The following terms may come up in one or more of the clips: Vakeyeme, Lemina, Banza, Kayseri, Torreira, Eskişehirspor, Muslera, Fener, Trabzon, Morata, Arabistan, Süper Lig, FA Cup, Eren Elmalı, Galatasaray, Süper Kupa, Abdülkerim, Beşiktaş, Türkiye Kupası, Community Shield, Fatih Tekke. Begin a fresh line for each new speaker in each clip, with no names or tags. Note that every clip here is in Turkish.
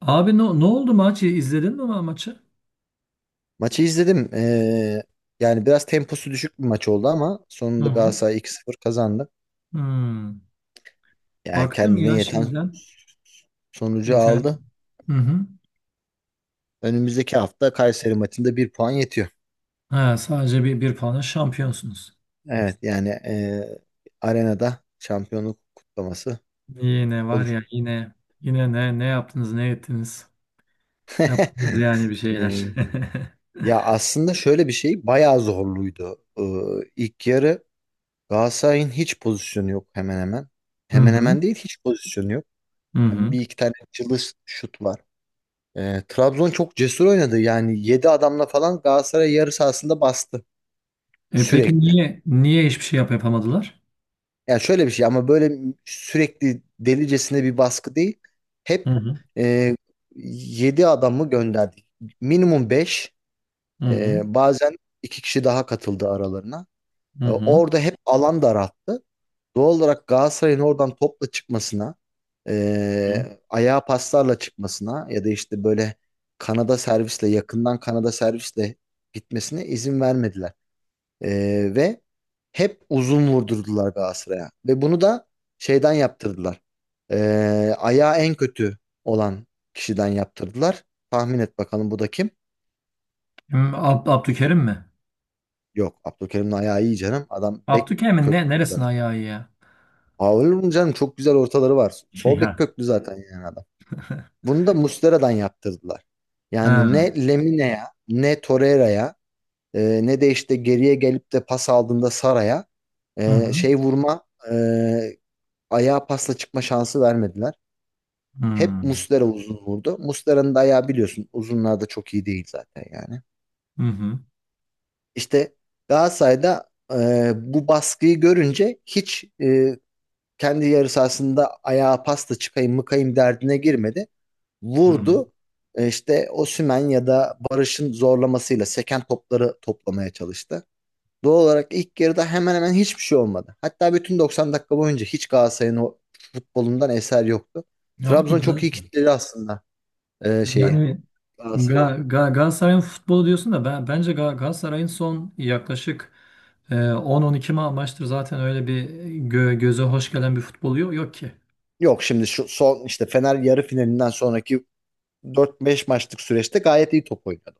Abi ne oldu maç? İzledin mi maçı?
Maçı izledim. Yani biraz temposu düşük bir maç oldu ama
Hı
sonunda
hı.
Galatasaray 2-0 kazandı.
Hmm.
Yani
Baktım
kendine
ya
yeten
şeyden
sonucu
internet.
aldı.
Hı hı.
Önümüzdeki hafta Kayseri maçında bir puan yetiyor.
Ha, sadece bir puanla şampiyonsunuz.
Evet yani arenada şampiyonluk kutlaması
Yine var
olur.
ya yine ne yaptınız ne ettiniz? Yaptınız yani bir şeyler.
Ee, Ya aslında şöyle bir şey bayağı zorluydu. İlk yarı Galatasaray'ın hiç pozisyonu yok hemen hemen.
Hı
Hemen
hı.
hemen değil hiç pozisyonu yok.
Hı hı.
Bir iki tane çılış şut var. Trabzon çok cesur oynadı. Yani 7 adamla falan Galatasaray yarı sahasında bastı
E peki
sürekli.
niye hiçbir şey yapamadılar?
Yani şöyle bir şey ama böyle sürekli delicesine bir baskı değil.
Hı
Hep
hı.
e, 7 adamı gönderdik. Minimum 5
Hı hı.
bazen 2 kişi daha katıldı aralarına.
Hı hı.
Orada hep alan daralttı. Doğal olarak Galatasaray'ın oradan topla çıkmasına,
Hı.
ayağa paslarla çıkmasına ya da işte böyle kanada servisle yakından kanada servisle gitmesine izin vermediler. Ve hep uzun vurdurdular Galatasaray'a. Ve bunu da şeyden yaptırdılar. Ayağı en kötü olan kişiden yaptırdılar. Tahmin et bakalım bu da kim?
Kim? Abdülkerim mi?
Yok, Abdülkerim'in ayağı iyi canım. Adam bek
Abdülkerim'in
köklü
neresine
zaten.
ayağı iyi ya?
Aa, olur mu canım? Çok güzel ortaları var. Sol bek köklü zaten yani adam.
Ya.
Bunu da Muslera'dan yaptırdılar. Yani
Ha.
ne Lemine'ye, ne Torreira'ya, ne de işte geriye gelip de pas aldığında Sara'ya
Hı hı.
şey vurma, ayağa pasla çıkma şansı vermediler.
Hı.
Hep Muslera uzun vurdu. Muslera'nın da ayağı biliyorsun uzunlarda çok iyi değil zaten yani.
Hı hı.
İşte Galatasaray'da bu baskıyı görünce hiç kendi yarı sahasında ayağa pasla çıkayım mıkayım derdine girmedi.
Hı hı.
Vurdu. İşte Osimhen ya da Barış'ın zorlamasıyla seken topları toplamaya çalıştı. Doğal olarak ilk yarıda hemen hemen hiçbir şey olmadı. Hatta bütün 90 dakika boyunca hiç Galatasaray'ın o futbolundan eser yoktu.
Ya abi
Trabzon çok iyi
biraz
kitledi aslında şeyi,
yani Ga
Galatasaray'ı.
Galatasaray'ın futbolu diyorsun da bence Galatasaray'ın son yaklaşık 10-12 maçtır zaten öyle bir göze hoş gelen bir futbolu yok, yok ki.
Yok, şimdi şu son işte Fener yarı finalinden sonraki 4-5 maçlık süreçte gayet iyi top oynadı.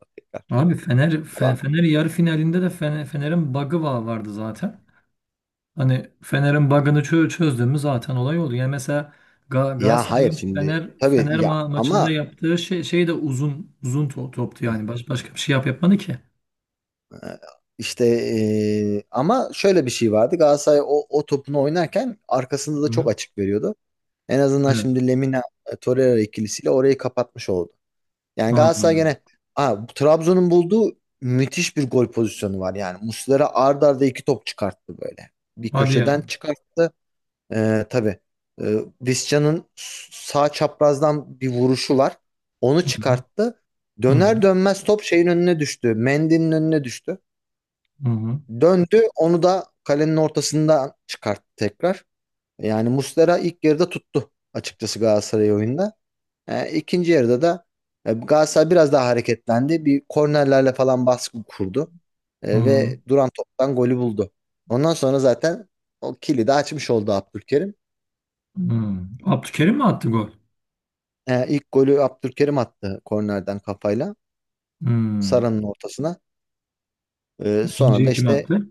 Abi
Ama
Fener yarı finalinde de Fener'in bug'ı vardı zaten. Hani Fener'in bug'ını çözdüğümüz zaten olay oldu. Yani mesela
ya hayır
Galatasaray'ın
şimdi
Fener
tabii
Fener
ya
maçında
ama
yaptığı şey de uzun uzun toptu yani. Başka bir şey yapmadı ki.
İşte ama şöyle bir şey vardı. Galatasaray o topunu oynarken arkasında da
Hı hı.
çok açık veriyordu. En azından
Evet.
şimdi Lemina, Torreira ikilisiyle orayı kapatmış oldu. Yani Galatasaray
Anladım.
gene. Aa, Trabzon'un bulduğu müthiş bir gol pozisyonu var. Yani Muslera ard arda iki top çıkarttı böyle. Bir
Hadi
köşeden
ya.
çıkarttı. Tabii, e, Visca'nın sağ çaprazdan bir vuruşu var. Onu
Hı hı.
çıkarttı.
Hı hı.
Döner dönmez top şeyin önüne düştü. Mendy'nin önüne düştü.
Hı hı.
Döndü, onu da kalenin ortasından çıkarttı tekrar. Yani Muslera ilk yarıda tuttu açıkçası Galatasaray oyunda. İkinci yarıda da Galatasaray biraz daha hareketlendi. Bir kornerlerle falan baskı kurdu.
Hı hı.
Ve duran toptan golü buldu. Ondan sonra zaten o kilidi açmış oldu Abdülkerim.
Hı. Abdülkerim mi attı gol?
İlk golü Abdülkerim attı, kornerden kafayla.
Hı.
Sara'nın ortasına. Sonra
İkinciyi
da
kim
işte
attı?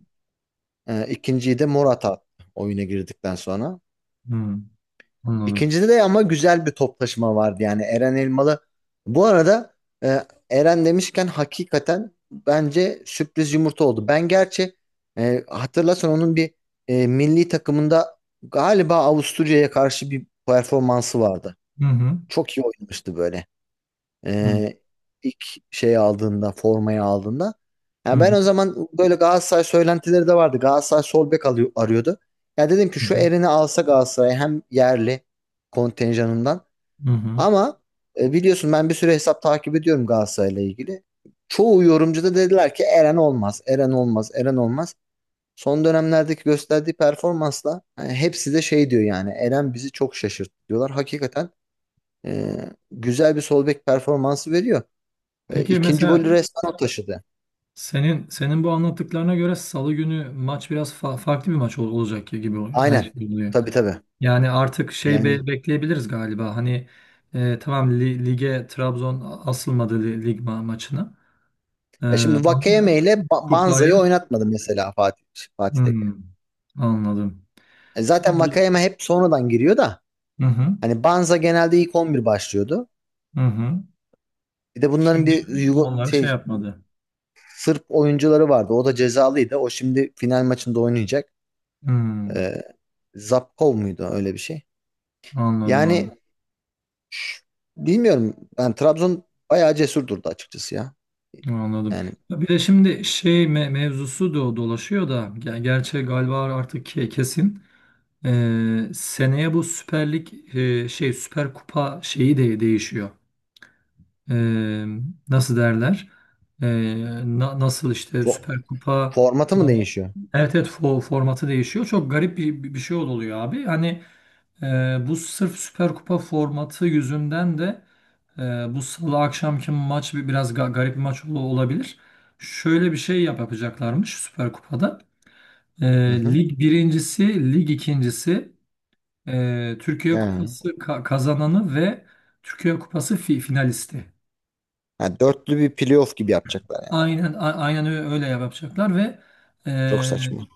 ikinciyi de Morata attı oyuna girdikten sonra.
Hı. Anladım.
İkincide de ama güzel bir toplaşma vardı yani, Eren Elmalı. Bu arada e, Eren demişken hakikaten bence sürpriz yumurta oldu. Ben gerçi hatırlarsan onun bir milli takımında galiba Avusturya'ya karşı bir performansı vardı.
Hı hı.
Çok iyi oynamıştı böyle.
Hı hı.
Ee, ilk şey aldığında, formayı aldığında. Yani ben o zaman, böyle Galatasaray söylentileri de vardı. Galatasaray sol bek alıyor, arıyordu. Ya dedim ki
Hı
şu
hı.
Eren'i alsa Galatasaray hem yerli kontenjanından,
Hı hı.
ama biliyorsun ben bir süre hesap takip ediyorum Galatasaray'la ilgili. Çoğu yorumcu da dediler ki Eren olmaz, Eren olmaz, Eren olmaz. Son dönemlerdeki gösterdiği performansla yani hepsi de şey diyor, yani Eren bizi çok şaşırttı diyorlar. Hakikaten e, güzel bir sol bek performansı veriyor.
Peki
İkinci
mesela
golü resmen o taşıdı.
senin bu anlattıklarına göre Salı günü maç biraz farklı bir maç olacak gibi oluyor. Yani,
Aynen.
şey oluyor.
Tabii tabii.
Yani artık şey
Yani
bekleyebiliriz galiba. Hani tamam lige Trabzon asılmadı lig maçına. E,
ya şimdi
ama
Vakeyeme ile Banza'yı
kupaya.
oynatmadı mesela Fatih Tekke.
Hmm, Anladım.
Zaten
Bu-
Vakeyeme hep sonradan giriyor da
Hı hı,
hani Banza genelde ilk 11 başlıyordu.
hı hı.
Bir de bunların
Şimdi
bir
onları şey yapmadı.
Sırp oyuncuları vardı. O da cezalıydı. O şimdi final maçında oynayacak.
Hmm,
E, Zapkov muydu öyle bir şey?
Anladım abi.
Yani bilmiyorum. Ben Trabzon bayağı cesur durdu açıkçası ya.
Anladım.
Yani
Ya bir de şimdi şey mevzusu da dolaşıyor da gerçi galiba artık kesin. Seneye bu Süper Lig şey Süper Kupa şeyi de değişiyor. Ee, Nasıl derler? Ee, Nasıl işte
Fo-
Süper Kupa.
formatı mı değişiyor?
Evet evet formatı değişiyor. Çok garip bir şey oluyor abi. Hani bu sırf Süper Kupa formatı yüzünden de e, bu salı akşamki maç biraz garip bir maç olabilir. Şöyle bir şey yapacaklarmış Süper Kupa'da.
Hı hı.
Lig birincisi, lig ikincisi,
He.
Türkiye Kupası kazananı ve Türkiye Kupası finalisti.
Ha, dörtlü bir playoff gibi yapacaklar yani.
Aynen öyle yapacaklar ve e,
Çok saçma.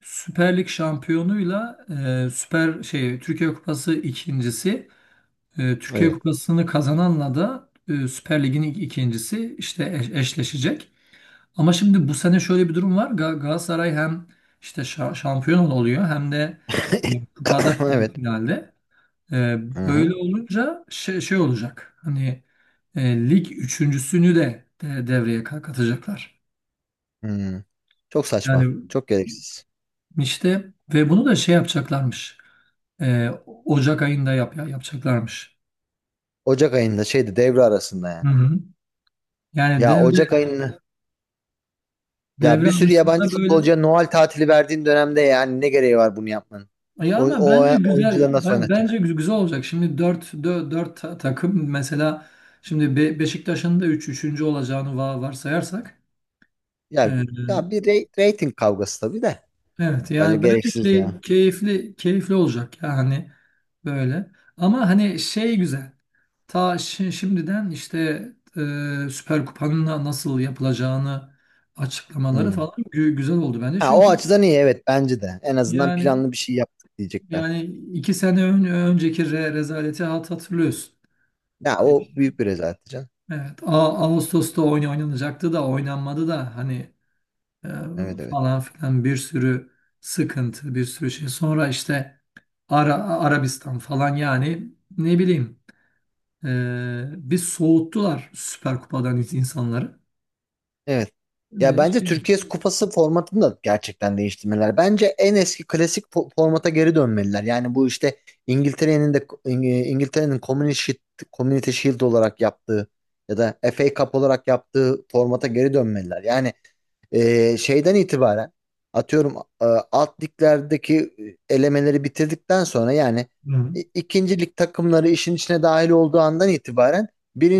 Süper Lig şampiyonuyla Süper şey Türkiye Kupası ikincisi. Türkiye
Evet.
Kupası'nı kazananla da Süper Lig'in ilk ikincisi işte eşleşecek. Ama şimdi bu sene şöyle bir durum var. Galatasaray hem işte şampiyon oluyor hem de kupada
Evet.
finalde. E,
Hı
Böyle
hı.
olunca şey olacak. Hani lig üçüncüsünü de devreye katacaklar.
Hı. Çok saçma.
Yani
Çok gereksiz.
işte ve bunu da şey yapacaklarmış. E, Ocak ayında yapacaklarmış.
Ocak ayında şeydi, devre arasında
Hı
yani.
hı. Yani
Ya
devre
Ocak ayını, ya
devre
bir sürü yabancı
arasında böyle.
futbolcuya Noel tatili verdiğin dönemde yani ne gereği var bunu yapmanın?
Ya
O,
ama bence
o
güzel
oyuncuları nasıl
bence
oynatacaksın?
güzel olacak. Şimdi dört takım mesela şimdi Beşiktaş'ın da üçüncü olacağını varsayarsak e,
Ya, ya bir rating kavgası tabii de.
evet
Bence
yani bence
gereksiz ya.
keyifli keyifli olacak ya hani böyle. Ama hani şey güzel. Ta şimdiden işte Süper Kupa'nın nasıl yapılacağını açıklamaları
Hı.
falan güzel oldu bence.
Ha, o
Çünkü
açıdan iyi, evet bence de. En azından
yani
planlı bir şey yaptık diyecekler.
yani iki sene önceki rezaleti hatırlıyorsun.
Ya o büyük bir rezalet canım.
Evet, Ağustos'ta oyun oynanacaktı da oynanmadı da hani e,
Evet evet.
falan filan bir sürü sıkıntı, bir sürü şey. Sonra işte Arabistan falan yani ne bileyim e, bir soğuttular Süper Kupa'dan insanları.
Evet. Ya
E,
bence
şey,
Türkiye Kupası formatını da gerçekten değiştirmeliler. Bence en eski klasik formata geri dönmeliler. Yani bu işte İngiltere'nin de, İng- İngiltere'nin Community Shield, olarak yaptığı ya da FA Cup olarak yaptığı formata geri dönmeliler. Yani şeyden itibaren atıyorum, alt liglerdeki elemeleri bitirdikten sonra yani
hı,
ikinci lig takımları işin içine dahil olduğu andan itibaren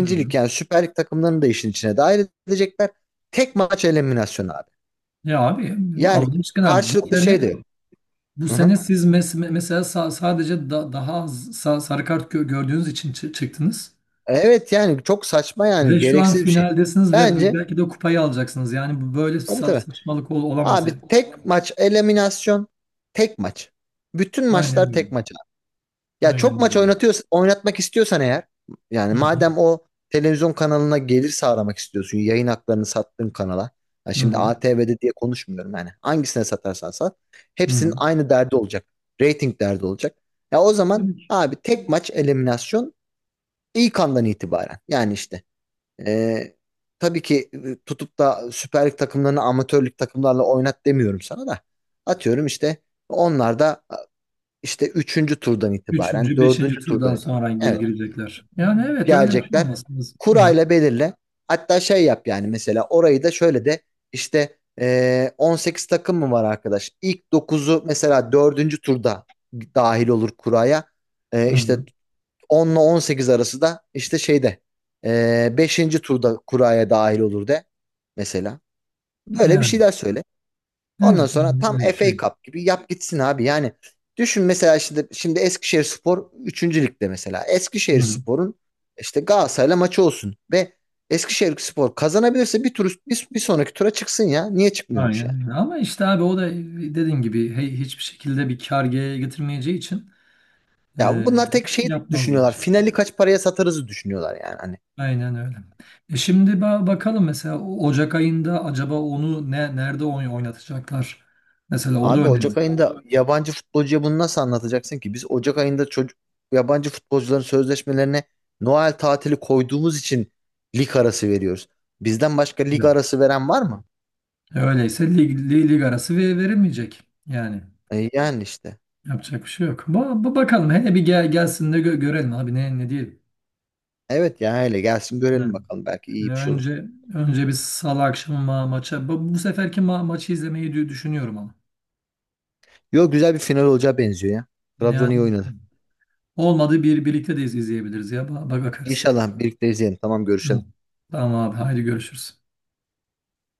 hı. Hı.
lig yani Süper Lig takımlarını da işin içine dahil edecekler. Tek maç eliminasyonu abi.
Ya abi
Yani
Allah aşkına bu
karşılıklı şey
sene
de yok.
bu
Hı hı.
sene siz mesela sadece daha az sarı kart gördüğünüz için çıktınız.
Evet yani çok saçma yani
Ve şu an
gereksiz bir şey.
finaldesiniz ve
Bence
belki de kupayı alacaksınız. Yani bu böyle
tabii tabii.
saçmalık olamaz
Abi
yani.
tek maç eliminasyon, tek maç. Bütün
Aynen
maçlar
öyle.
tek maç. Ya çok
Aynen
maç
öyle.
oynatıyor, oynatmak istiyorsan eğer, yani
Hı hı.
madem o televizyon kanalına gelir sağlamak istiyorsun, yayın haklarını sattığın kanala. Ya
Hı
şimdi
hı.
ATV'de diye konuşmuyorum yani. Hangisine satarsan sat.
Hı hı.
Hepsinin aynı derdi olacak. Rating derdi olacak. Ya o zaman
Evet.
abi tek maç eliminasyon ilk andan itibaren. Yani işte e, tabii ki, tutup da Süper Lig takımlarını amatörlük takımlarla oynat demiyorum sana da. Atıyorum işte onlar da işte üçüncü turdan itibaren,
Üçüncü, beşinci
dördüncü
turdan
turdan itibaren.
sonra
Evet, tamam.
girecekler. Yani evet öyle bir şey
Gelecekler.
olmasın. Hı hı.
Kurayla belirle. Hatta şey yap, yani mesela orayı da şöyle de işte, 18 takım mı var arkadaş? İlk dokuzu mesela dördüncü turda dahil olur kuraya.
Hı
İşte
hı.
10 ile 18 arası da işte şeyde beşinci turda kuraya dahil olur de mesela. Böyle bir
Yani
şeyler söyle. Ondan
evet
sonra tam
öyle bir
FA
şey.
Cup gibi yap gitsin abi. Yani düşün mesela şimdi Eskişehirspor 3. ligde mesela.
Hı hı.
Eskişehirspor'un işte Galatasaray'la maçı olsun ve Eskişehirspor kazanabilirse bir tur, bir sonraki tura çıksın ya. Niye çıkmıyormuş yani?
Aynen öyle. Ama işte abi o da dediğim gibi hiçbir şekilde bir kar getirmeyeceği için
Ya
e,
bunlar tek şeyi düşünüyorlar.
yapmazlar.
Finali kaç paraya satarızı düşünüyorlar yani. Hani
Aynen öyle. Şimdi bakalım mesela Ocak ayında acaba onu nerede oynatacaklar? Mesela o da
abi
önemli.
Ocak ayında yabancı futbolcuya bunu nasıl anlatacaksın ki? Biz Ocak ayında çocuk, yabancı futbolcuların sözleşmelerine Noel tatili koyduğumuz için lig arası veriyoruz. Bizden başka lig
Evet.
arası veren var mı?
Öyleyse lig arası verilmeyecek. Yani
E yani işte.
yapacak bir şey yok. Bakalım hele bir gelsin de görelim abi ne diyelim.
Evet ya, öyle gelsin görelim
Yani
bakalım belki
e,
iyi bir şey olur.
önce önce bir salı akşamı maça bu seferki maçı izlemeyi düşünüyorum ama.
Yo, güzel bir final olacağı benziyor ya.
Ne
Trabzon
hadi
iyi oynadı.
bakalım. Olmadı birlikte de izleyebiliriz ya. Ba bak Bakarız.
İnşallah birlikte izleyelim. Tamam, görüşelim.
Tamam. Tamam abi haydi görüşürüz.